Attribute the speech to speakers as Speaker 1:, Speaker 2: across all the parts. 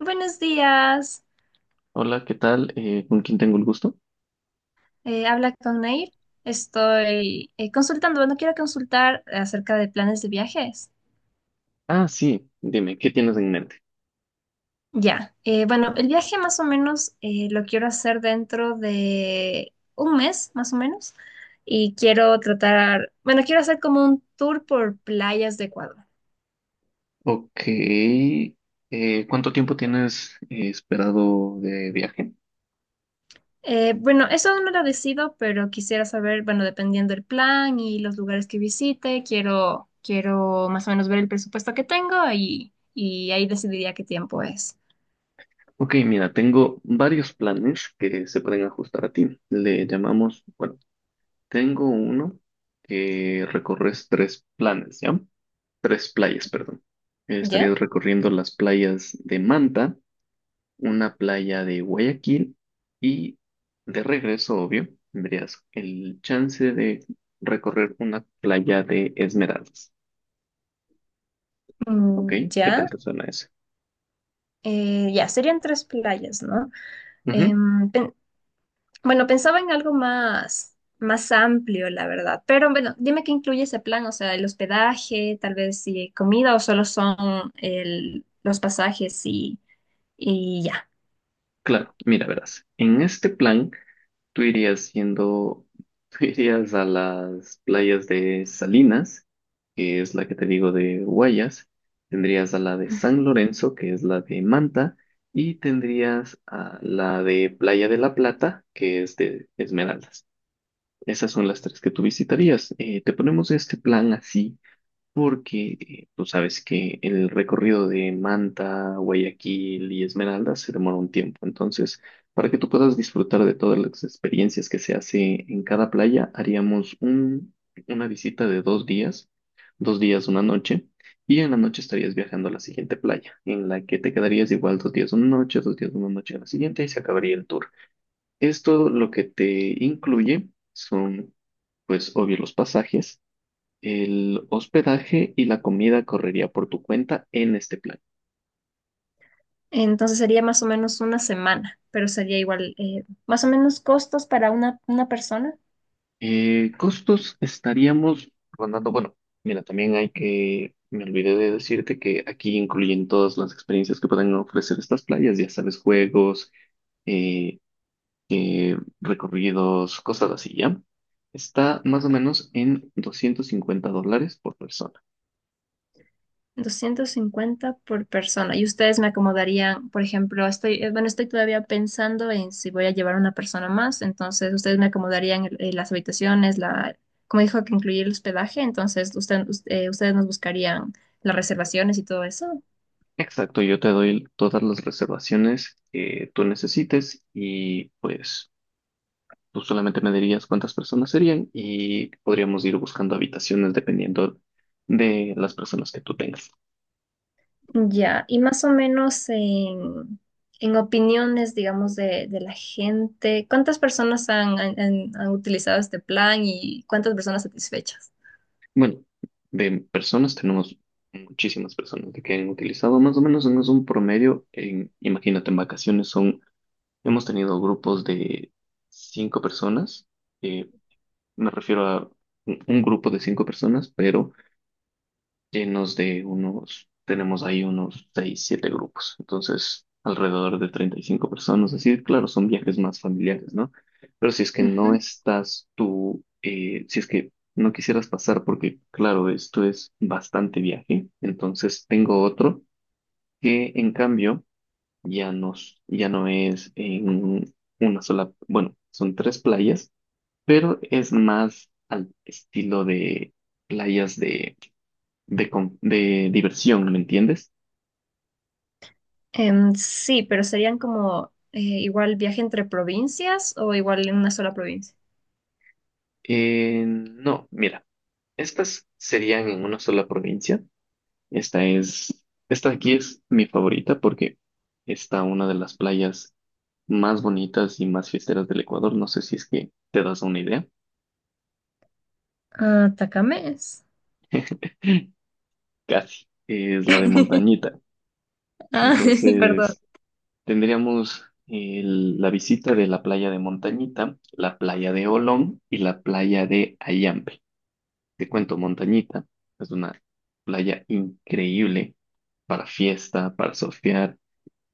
Speaker 1: Buenos días,
Speaker 2: Hola, ¿qué tal? ¿Con quién tengo el gusto?
Speaker 1: habla con Nair. Estoy bueno, quiero consultar acerca de planes de viajes.
Speaker 2: Ah, sí, dime, ¿qué tienes en mente?
Speaker 1: Ya, bueno, el viaje más o menos lo quiero hacer dentro de un mes, más o menos, y bueno, quiero hacer como un tour por playas de Ecuador.
Speaker 2: Ok, ¿cuánto tiempo tienes esperado de viaje?
Speaker 1: Bueno, eso aún no lo decido, pero quisiera saber, bueno, dependiendo del plan y los lugares que visite, quiero más o menos ver el presupuesto que tengo y ahí decidiría qué tiempo es.
Speaker 2: Ok, mira, tengo varios planes que se pueden ajustar a ti. Le llamamos, bueno, tengo uno que recorres tres planes, ¿ya? Tres playas, perdón.
Speaker 1: ¿Ya?
Speaker 2: Estarías recorriendo las playas de Manta, una playa de Guayaquil y de regreso, obvio, tendrías el chance de recorrer una playa de Esmeraldas. ¿Ok?
Speaker 1: Mm,
Speaker 2: ¿Qué tal
Speaker 1: ya.
Speaker 2: te suena eso?
Speaker 1: Ya, serían tres playas, ¿no?
Speaker 2: Ujú.
Speaker 1: Em, pen- bueno, pensaba en algo más amplio, la verdad. Pero bueno, dime qué incluye ese plan, o sea, el hospedaje, tal vez si comida o solo son los pasajes y ya.
Speaker 2: Claro, mira, verás. En este plan, Tú irías siendo, tú irías a las playas de Salinas, que es la que te digo de Guayas, tendrías a la de San Lorenzo, que es la de Manta, y tendrías a la de Playa de la Plata, que es de Esmeraldas. Esas son las tres que tú visitarías. Te ponemos este plan así porque tú sabes que el recorrido de Manta, Guayaquil y Esmeralda se demora un tiempo. Entonces, para que tú puedas disfrutar de todas las experiencias que se hace en cada playa, haríamos una visita de 2 días, 2 días, una noche, y en la noche estarías viajando a la siguiente playa, en la que te quedarías igual 2 días, una noche, 2 días, una noche en la siguiente y se acabaría el tour. Esto lo que te incluye son, pues, obvio, los pasajes, el hospedaje, y la comida correría por tu cuenta en este plan.
Speaker 1: Entonces sería más o menos una semana, pero sería igual, más o menos costos para una persona,
Speaker 2: Costos estaríamos rondando, bueno, mira, también hay que, me olvidé de decirte que aquí incluyen todas las experiencias que pueden ofrecer estas playas, ya sabes, juegos, eh, recorridos, cosas así, ¿ya? Está más o menos en $250 por persona.
Speaker 1: 250 por persona. Y ustedes me acomodarían, por ejemplo, bueno, estoy todavía pensando en si voy a llevar una persona más, entonces ustedes me acomodarían las habitaciones, como dijo que incluir el hospedaje, entonces ustedes nos buscarían las reservaciones y todo eso.
Speaker 2: Exacto, yo te doy todas las reservaciones que tú necesites, y pues tú solamente me dirías cuántas personas serían y podríamos ir buscando habitaciones dependiendo de las personas que tú tengas.
Speaker 1: Ya, y más o menos en opiniones, digamos, de la gente, ¿cuántas personas han utilizado este plan y cuántas personas satisfechas?
Speaker 2: Bueno, de personas tenemos muchísimas personas de que han utilizado más o menos en un promedio, en, imagínate, en vacaciones son, hemos tenido grupos de cinco personas, eh, me refiero a un grupo de cinco personas, pero llenos de unos, tenemos ahí unos 6 7 grupos, entonces alrededor de 35 personas, así, claro, son viajes más familiares, ¿no? Pero si es que no
Speaker 1: Ujú.
Speaker 2: estás tú, si es que no quisieras pasar, porque claro, esto es bastante viaje, entonces tengo otro que en cambio ya no, ya no es en una sola, bueno, son tres playas, pero es más al estilo de playas de de diversión, ¿me entiendes?
Speaker 1: Sí, pero serían como igual viaje entre provincias o igual en una sola provincia.
Speaker 2: No, mira, estas serían en una sola provincia. Esta es, esta de aquí es mi favorita porque está una de las playas más bonitas y más fiesteras del Ecuador. No sé si es que te das una idea.
Speaker 1: Ah, Tacamés.
Speaker 2: Casi. Es la de Montañita.
Speaker 1: Ah, perdón.
Speaker 2: Entonces, tendríamos la visita de la playa de Montañita, la playa de Olón y la playa de Ayampe. Te cuento, Montañita es una playa increíble para fiesta, para surfear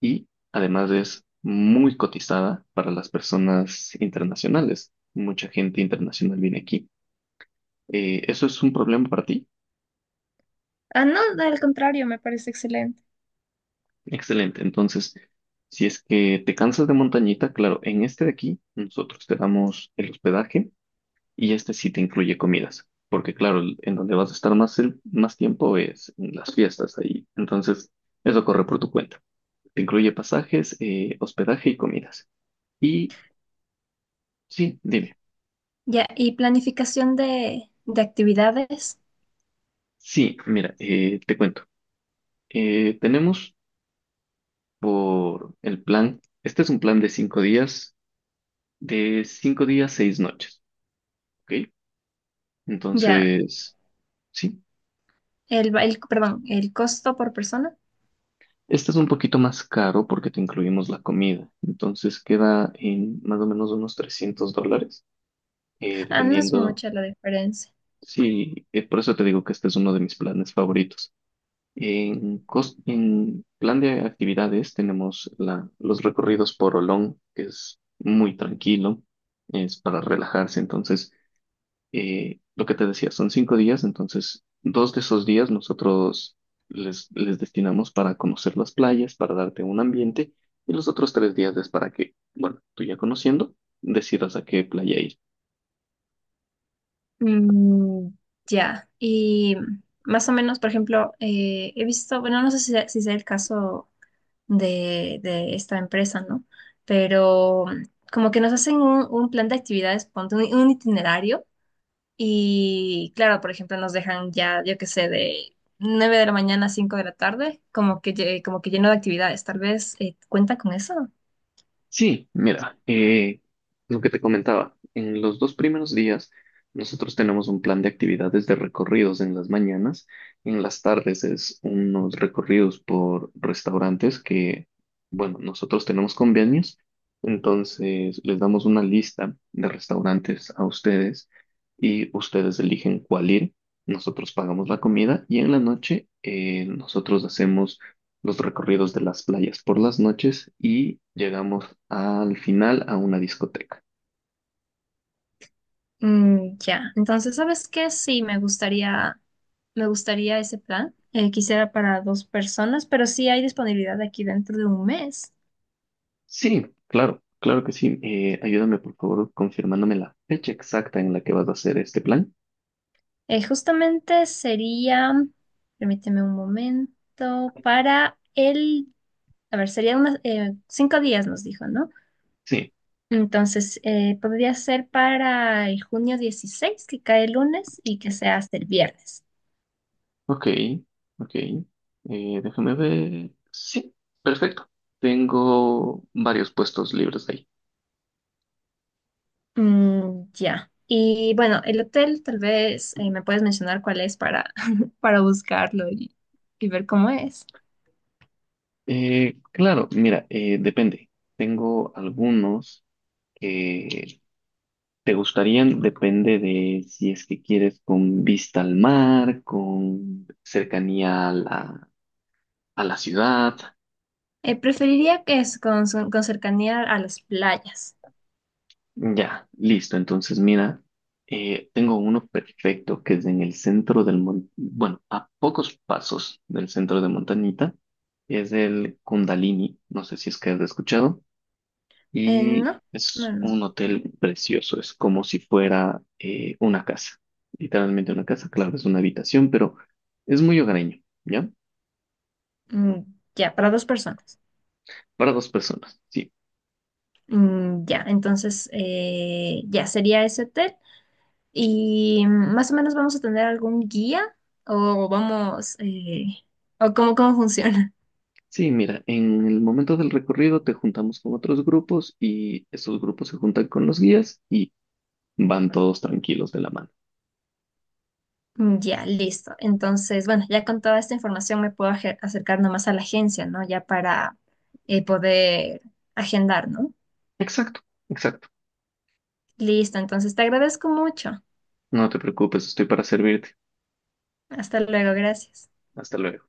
Speaker 2: y además es muy cotizada para las personas internacionales. Mucha gente internacional viene aquí. ¿Eso es un problema para ti?
Speaker 1: Ah, no, al contrario, me parece excelente.
Speaker 2: Excelente. Entonces, si es que te cansas de Montañita, claro, en este de aquí nosotros te damos el hospedaje y este sí te incluye comidas. Porque claro, en donde vas a estar más, más tiempo es en las fiestas ahí. Entonces, eso corre por tu cuenta. Te incluye pasajes, hospedaje y comidas. Y sí, dime.
Speaker 1: Ya, y planificación de actividades.
Speaker 2: Sí, mira, te cuento. Tenemos por el plan, este es un plan de 5 días, de cinco días, 6 noches, ¿ok?
Speaker 1: Ya,
Speaker 2: Entonces, sí,
Speaker 1: perdón, el costo por persona.
Speaker 2: este es un poquito más caro porque te incluimos la comida. Entonces queda en más o menos unos $300,
Speaker 1: Ah, no es
Speaker 2: dependiendo,
Speaker 1: mucha la diferencia.
Speaker 2: sí, por eso te digo que este es uno de mis planes favoritos. En plan de actividades tenemos los recorridos por Olón, que es muy tranquilo, es para relajarse. Entonces, lo que te decía, son 5 días, entonces dos de esos días nosotros les destinamos para conocer las playas, para darte un ambiente, y los otros 3 días es para que, bueno, tú ya conociendo, decidas a qué playa ir.
Speaker 1: Mm, ya. Y más o menos, por ejemplo, he visto, bueno, no sé si sea el caso de esta empresa, ¿no? Pero mm, como que nos hacen un plan de actividades, ponte un itinerario. Y claro, por ejemplo, nos dejan ya, yo qué sé, de 9 de la mañana a 5 de la tarde, como que, como que lleno de actividades. Tal vez cuenta con eso.
Speaker 2: Sí, mira, lo que te comentaba, en los dos primeros días nosotros tenemos un plan de actividades de recorridos en las mañanas, en las tardes es unos recorridos por restaurantes que, bueno, nosotros tenemos convenios, entonces les damos una lista de restaurantes a ustedes y ustedes eligen cuál ir, nosotros pagamos la comida y en la noche nosotros hacemos los recorridos de las playas por las noches y llegamos al final a una discoteca.
Speaker 1: Mm, ya, entonces, ¿sabes qué? Sí, me gustaría ese plan. Quisiera para dos personas, pero sí hay disponibilidad aquí dentro de un mes.
Speaker 2: Sí, claro, claro que sí. Ayúdame por favor confirmándome la fecha exacta en la que vas a hacer este plan.
Speaker 1: Justamente sería, permíteme un momento, a ver, sería unos 5 días, nos dijo, ¿no?
Speaker 2: Sí,
Speaker 1: Entonces, podría ser para el junio 16 que cae el lunes, y que sea hasta el viernes.
Speaker 2: ok, ok. Déjame ver. Sí, perfecto. Tengo varios puestos libres ahí.
Speaker 1: Mm, ya. Y bueno, el hotel tal vez me puedes mencionar cuál es para, para buscarlo y ver cómo es.
Speaker 2: Claro, mira, depende. Tengo algunos que, ¿te gustarían? Depende de si es que quieres con vista al mar, con cercanía a la ciudad.
Speaker 1: Preferiría que es con cercanía a las playas.
Speaker 2: Ya, listo. Entonces, mira, tengo uno perfecto que es en el centro del mon- bueno, a pocos pasos del centro de Montañita. Es el Kundalini. No sé si es que has escuchado. Y
Speaker 1: No, no,
Speaker 2: es
Speaker 1: no.
Speaker 2: un hotel precioso, es como si fuera una casa, literalmente una casa, claro, es una habitación, pero es muy hogareño, ¿ya?
Speaker 1: Mm, ya, para dos personas.
Speaker 2: Para dos personas, sí.
Speaker 1: Mm, ya, entonces ya sería ese hotel. Y más o menos vamos a tener algún guía o vamos, eh, o cómo funciona.
Speaker 2: Sí, mira, en el momento del recorrido te juntamos con otros grupos y esos grupos se juntan con los guías y van todos tranquilos de la mano.
Speaker 1: Mm, ya, listo. Entonces, bueno, ya con toda esta información me puedo acercar nomás a la agencia, ¿no? Ya para poder agendar, ¿no?
Speaker 2: Exacto, exacto.
Speaker 1: Listo, entonces te agradezco mucho.
Speaker 2: No te preocupes, estoy para servirte.
Speaker 1: Hasta luego, gracias.
Speaker 2: Hasta luego.